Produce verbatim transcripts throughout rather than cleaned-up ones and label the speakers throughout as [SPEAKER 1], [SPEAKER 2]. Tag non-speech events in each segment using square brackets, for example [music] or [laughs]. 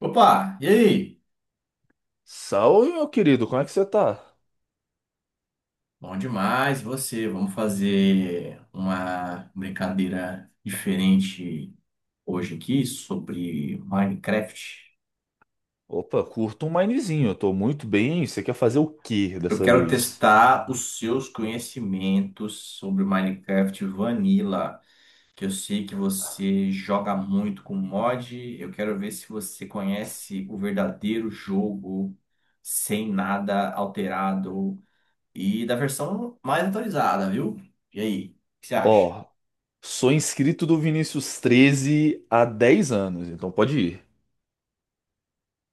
[SPEAKER 1] Opa, e aí?
[SPEAKER 2] Salve, meu querido, como é que você tá?
[SPEAKER 1] Bom demais você. Vamos fazer uma brincadeira diferente hoje aqui sobre Minecraft.
[SPEAKER 2] Opa, curto um minezinho, eu tô muito bem. Você quer fazer o quê
[SPEAKER 1] Eu
[SPEAKER 2] dessa
[SPEAKER 1] quero
[SPEAKER 2] vez?
[SPEAKER 1] testar os seus conhecimentos sobre Minecraft Vanilla, que eu sei que você joga muito com mod. Eu quero ver se você conhece o verdadeiro jogo sem nada alterado e da versão mais atualizada, viu? E aí, o que você acha?
[SPEAKER 2] Ó, sou inscrito do Vinícius treze há dez anos, então pode ir.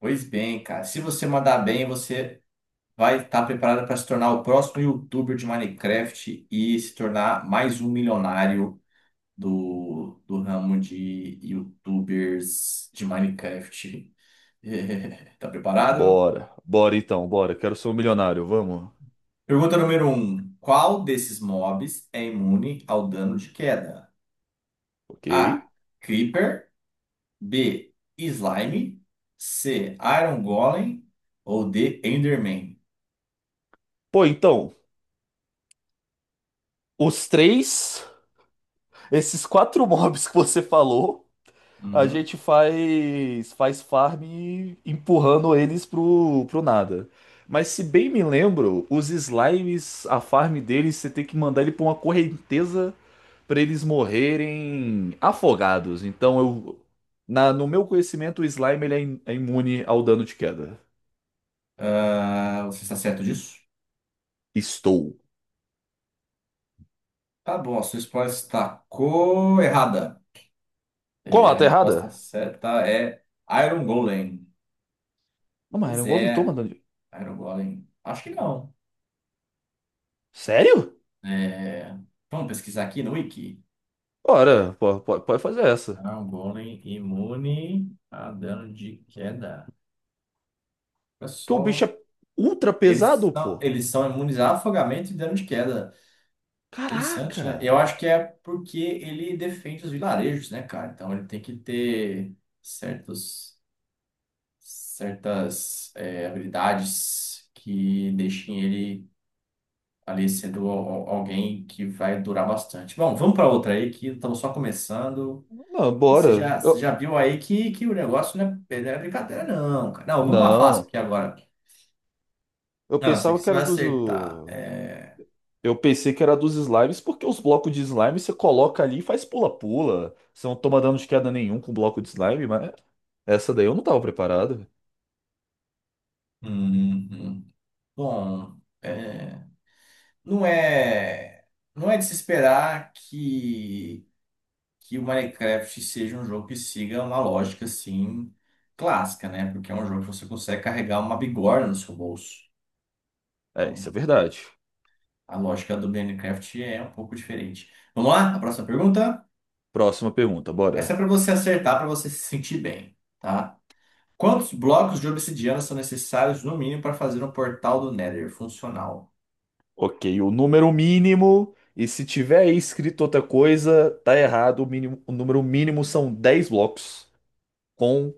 [SPEAKER 1] Pois bem, cara. Se você mandar bem, você vai estar preparado para se tornar o próximo YouTuber de Minecraft e se tornar mais um milionário do, do ramo de YouTubers de Minecraft. [laughs] Tá preparado?
[SPEAKER 2] Bora, bora então, bora. Quero ser um milionário, vamos?
[SPEAKER 1] Pergunta número um. Qual desses mobs é imune ao dano de queda?
[SPEAKER 2] Ok.
[SPEAKER 1] A. Creeper. B. Slime. C. Iron Golem. Ou D. Enderman?
[SPEAKER 2] Pô, então, os três, esses quatro [laughs] mobs que você falou. A
[SPEAKER 1] Uhum.
[SPEAKER 2] gente faz faz farm empurrando eles pro, pro nada. Mas se bem me lembro, os slimes, a farm deles, você tem que mandar ele pra uma correnteza pra eles morrerem afogados. Então eu na, no meu conhecimento, o slime ele é, im- é imune ao dano de queda.
[SPEAKER 1] Ah, você está certo disso?
[SPEAKER 2] Estou.
[SPEAKER 1] Tá bom, a sua resposta está co- errada.
[SPEAKER 2] Como?
[SPEAKER 1] E
[SPEAKER 2] Ah,
[SPEAKER 1] a
[SPEAKER 2] tá
[SPEAKER 1] resposta
[SPEAKER 2] errada?
[SPEAKER 1] certa é Iron Golem.
[SPEAKER 2] Não, mas ele é
[SPEAKER 1] Pois
[SPEAKER 2] um golem, toma
[SPEAKER 1] é,
[SPEAKER 2] dano de...
[SPEAKER 1] Iron Golem. Acho que não.
[SPEAKER 2] Sério?
[SPEAKER 1] É, vamos pesquisar aqui no Wiki.
[SPEAKER 2] Ora, pô, pô, pode fazer essa.
[SPEAKER 1] Iron Golem imune a dano de queda. Olha
[SPEAKER 2] Que o bicho
[SPEAKER 1] só.
[SPEAKER 2] é ultra
[SPEAKER 1] Eles
[SPEAKER 2] pesado,
[SPEAKER 1] são,
[SPEAKER 2] pô.
[SPEAKER 1] eles são imunes a afogamento e dano de queda. Interessante, né? Eu
[SPEAKER 2] Caraca.
[SPEAKER 1] acho que é porque ele defende os vilarejos, né, cara? Então ele tem que ter certos. Certas eh, habilidades que deixem ele ali sendo al- al- alguém que vai durar bastante. Bom, vamos para outra aí que estamos só começando.
[SPEAKER 2] Não,
[SPEAKER 1] E você
[SPEAKER 2] bora.
[SPEAKER 1] já, você
[SPEAKER 2] Eu-
[SPEAKER 1] já viu aí que, que o negócio não é, não é brincadeira, não, cara. Não, vamos uma fácil
[SPEAKER 2] Não,
[SPEAKER 1] aqui agora.
[SPEAKER 2] eu
[SPEAKER 1] Não, essa aqui
[SPEAKER 2] pensava que
[SPEAKER 1] você
[SPEAKER 2] era
[SPEAKER 1] vai
[SPEAKER 2] dos.
[SPEAKER 1] acertar.
[SPEAKER 2] o-
[SPEAKER 1] É...
[SPEAKER 2] Eu pensei que era dos slimes, porque os blocos de slime você coloca ali e faz pula-pula. Você não toma dano de queda nenhum com bloco de slime, mas essa daí eu não tava preparado.
[SPEAKER 1] hum, hum. Hum. Bom, é, não é, não é de se esperar que que o Minecraft seja um jogo que siga uma lógica assim clássica, né? Porque é um jogo que você consegue carregar uma bigorna no seu bolso.
[SPEAKER 2] É, isso
[SPEAKER 1] Então,
[SPEAKER 2] é verdade.
[SPEAKER 1] a lógica do Minecraft é um pouco diferente. Vamos lá? A próxima pergunta?
[SPEAKER 2] Próxima pergunta,
[SPEAKER 1] Essa é
[SPEAKER 2] bora.
[SPEAKER 1] para você acertar, para você se sentir bem, tá? Quantos blocos de obsidiana são necessários no mínimo para fazer um portal do Nether funcional?
[SPEAKER 2] Ok, o número mínimo, e se tiver aí escrito outra coisa, tá errado. O mínimo, o número mínimo são dez blocos, com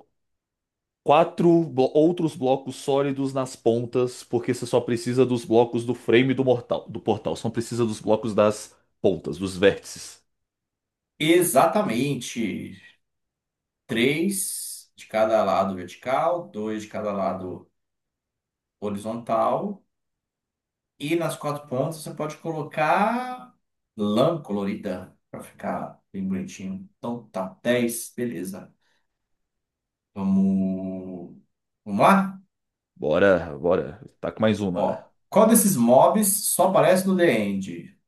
[SPEAKER 2] quatro blo- outros blocos sólidos nas pontas, porque você só precisa dos blocos do frame do mortal, do portal. Só não precisa dos blocos das pontas, dos vértices.
[SPEAKER 1] Exatamente. Três de cada lado vertical, dois de cada lado horizontal. E nas quatro pontas você pode colocar lã colorida para ficar bem bonitinho. Então tá, dez, beleza. Vamos, vamos lá?
[SPEAKER 2] Bora, bora. Tá com mais uma.
[SPEAKER 1] Ó, qual desses mobs só aparece no The End?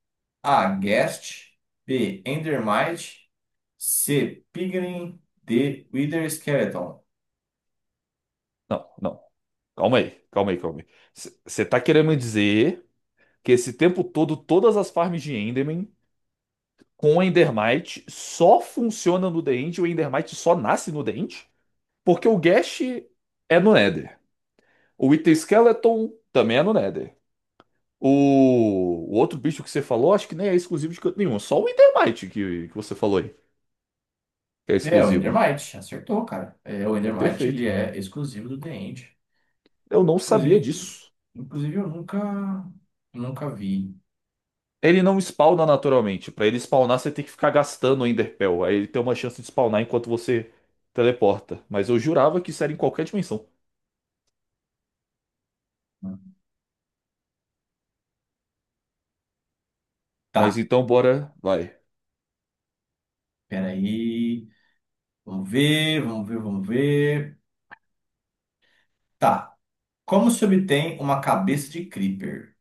[SPEAKER 1] A. Guest. B. Endermite. C. Piglin. D. Wither Skeleton.
[SPEAKER 2] Não, não. Calma aí, calma aí, calma aí. Você tá querendo me dizer que esse tempo todo, todas as farms de Enderman com Endermite só funcionam no The End e o Endermite só nasce no The End? Porque o Gash é no Nether. O Item Skeleton também é no Nether. O, o outro bicho que você falou, acho que nem é exclusivo de canto nenhum. Só o Endermite que, que você falou aí, que é
[SPEAKER 1] É o
[SPEAKER 2] exclusivo.
[SPEAKER 1] Endermite, acertou, cara. É, o
[SPEAKER 2] É
[SPEAKER 1] Endermite ele
[SPEAKER 2] perfeito.
[SPEAKER 1] é exclusivo do The End.
[SPEAKER 2] Eu não sabia
[SPEAKER 1] Inclusive,
[SPEAKER 2] disso.
[SPEAKER 1] inclusive eu nunca, nunca vi.
[SPEAKER 2] Ele não spawna naturalmente. Pra ele spawnar, você tem que ficar gastando o Enderpell. Aí ele tem uma chance de spawnar enquanto você teleporta. Mas eu jurava que isso era em qualquer dimensão.
[SPEAKER 1] Né?
[SPEAKER 2] Mas
[SPEAKER 1] Tá.
[SPEAKER 2] então, bora. Vai.
[SPEAKER 1] Peraí. Vamos ver, vamos ver, vamos ver. Tá. Como se obtém uma cabeça de Creeper?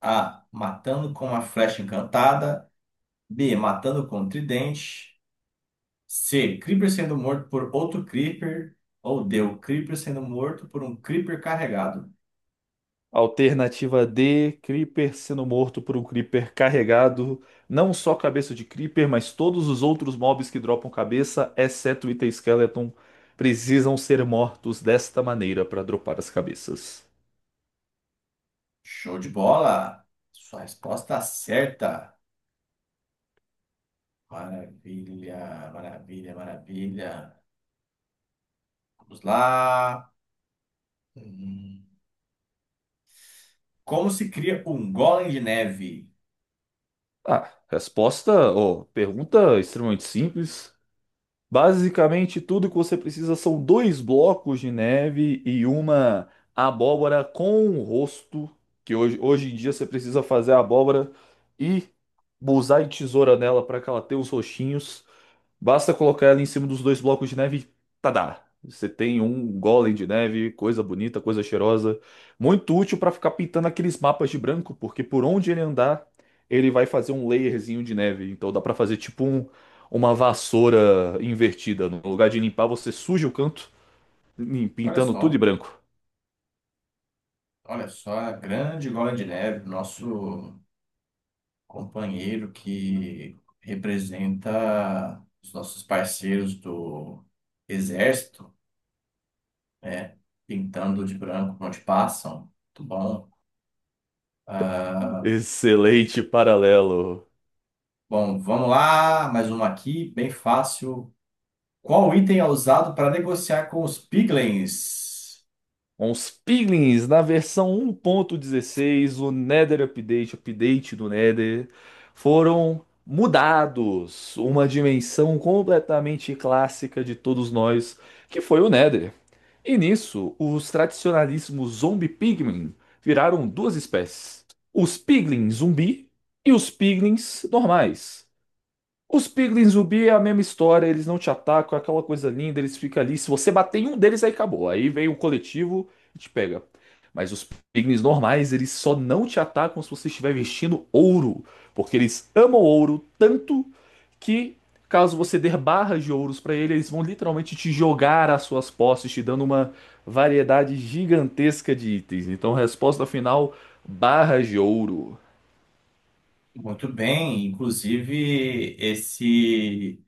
[SPEAKER 1] A. Matando com a flecha encantada. B. Matando com o tridente. C. Creeper sendo morto por outro Creeper. Ou D. O Creeper sendo morto por um Creeper carregado.
[SPEAKER 2] Alternativa D, Creeper sendo morto por um Creeper carregado, não só cabeça de Creeper, mas todos os outros mobs que dropam cabeça, exceto o Ita Skeleton, precisam ser mortos desta maneira para dropar as cabeças.
[SPEAKER 1] Show de bola! Sua resposta certa. Maravilha, maravilha, maravilha. Vamos lá. Hum. Como se cria um golem de neve?
[SPEAKER 2] Ah, resposta, ou pergunta extremamente simples. Basicamente, tudo que você precisa são dois blocos de neve e uma abóbora com o rosto, que hoje, hoje em dia você precisa fazer a abóbora e usar e tesoura nela para que ela tenha os rostinhos. Basta colocar ela em cima dos dois blocos de neve e tadá! Você tem um golem de neve, coisa bonita, coisa cheirosa. Muito útil para ficar pintando aqueles mapas de branco, porque por onde ele andar, ele vai fazer um layerzinho de neve. Então dá para fazer tipo um- uma vassoura invertida. No lugar de limpar, você suja o canto, lim-
[SPEAKER 1] Olha
[SPEAKER 2] pintando tudo de
[SPEAKER 1] só,
[SPEAKER 2] branco.
[SPEAKER 1] olha só é a grande Gola de Neve, nosso companheiro que representa os nossos parceiros do Exército, né? Pintando de branco onde passam. Muito bom. Ah,
[SPEAKER 2] Excelente paralelo.
[SPEAKER 1] bom, vamos lá, mais uma aqui, bem fácil. Qual item é usado para negociar com os Piglins?
[SPEAKER 2] Com os piglins na versão um ponto dezesseis, o Nether Update, update do Nether, foram mudados. Uma dimensão completamente clássica de todos nós, que foi o Nether. E nisso, os tradicionalíssimos zombie pigmin viraram duas espécies: os piglins zumbi e os piglins normais. Os Piglins Ruby é a mesma história, eles não te atacam, é aquela coisa linda, eles ficam ali. Se você bater em um deles, aí acabou. Aí vem o coletivo e te pega. Mas os Piglins normais, eles só não te atacam se você estiver vestindo ouro. Porque eles amam ouro tanto que, caso você der barras de ouros pra eles, eles vão literalmente te jogar às suas posses, te dando uma variedade gigantesca de itens. Então, resposta final: barras de ouro.
[SPEAKER 1] Muito bem, inclusive esse.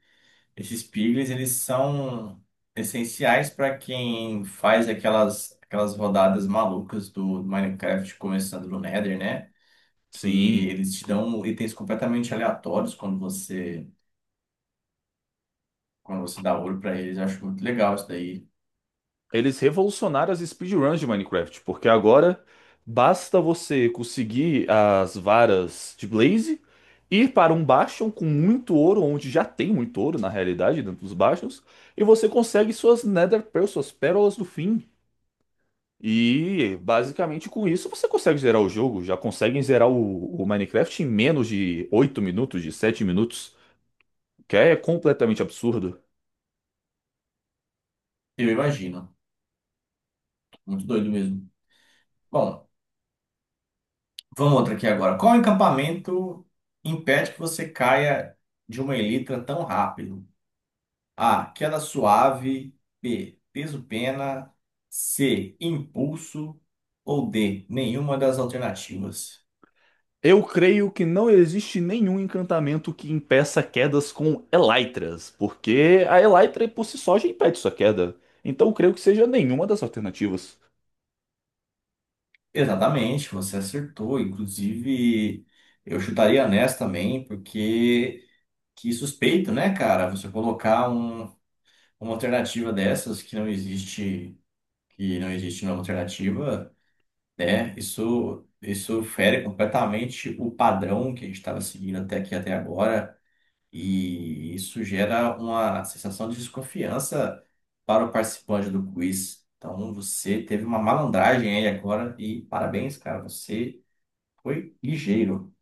[SPEAKER 1] Esses piglins, eles são essenciais para quem faz aquelas, aquelas rodadas malucas do Minecraft, começando no Nether, né? Que
[SPEAKER 2] Sim.
[SPEAKER 1] eles te dão itens completamente aleatórios quando você, quando você dá ouro para eles. Eu acho muito legal isso daí.
[SPEAKER 2] Eles revolucionaram as speedruns de Minecraft, porque agora basta você conseguir as varas de Blaze, ir para um bastion com muito ouro, onde já tem muito ouro na realidade dentro dos bastions, e você consegue suas Nether Pearls, suas pérolas do fim. E basicamente com isso você consegue zerar o jogo, já conseguem zerar o, o Minecraft em menos de oito minutos, de sete minutos, que é completamente absurdo.
[SPEAKER 1] Eu imagino. Muito doido mesmo. Bom, vamos outra aqui agora. Qual encampamento impede que você caia de uma elytra tão rápido? A. Queda suave. B. Peso-pena. C. Impulso. Ou D. Nenhuma das alternativas.
[SPEAKER 2] Eu creio que não existe nenhum encantamento que impeça quedas com elytras, porque a elytra por si só já impede sua queda. Então eu creio que seja nenhuma das alternativas.
[SPEAKER 1] Exatamente, você acertou. Inclusive, eu chutaria nessa também, porque que suspeito, né, cara? Você colocar um- uma alternativa dessas que não existe, que não existe nenhuma alternativa, né? Isso, isso fere completamente o padrão que a gente estava seguindo até aqui, até agora. E isso gera uma sensação de desconfiança para o participante do quiz. Então você teve uma malandragem aí agora e parabéns, cara. Você foi ligeiro.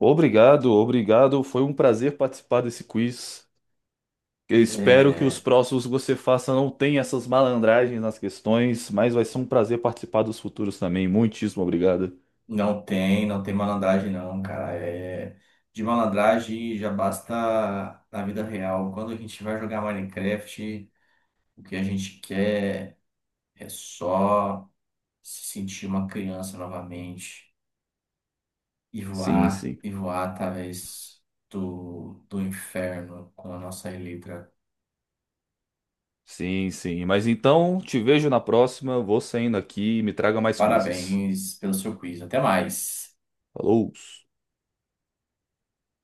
[SPEAKER 2] Obrigado, obrigado. Foi um prazer participar desse quiz. Eu espero que os
[SPEAKER 1] É,
[SPEAKER 2] próximos que você faça não tenham essas malandragens nas questões, mas vai ser um prazer participar dos futuros também. Muitíssimo obrigado.
[SPEAKER 1] não tem, não tem malandragem não, cara. É, de malandragem já basta na vida real. Quando a gente vai jogar Minecraft, o que a gente quer é só se sentir uma criança novamente. E
[SPEAKER 2] Sim,
[SPEAKER 1] voar,
[SPEAKER 2] sim.
[SPEAKER 1] e voar através do, do inferno com a nossa Eletra.
[SPEAKER 2] Sim, sim. Mas então, te vejo na próxima. Vou saindo aqui e me traga mais quizzes.
[SPEAKER 1] Parabéns pelo seu quiz. Até mais.
[SPEAKER 2] Falou!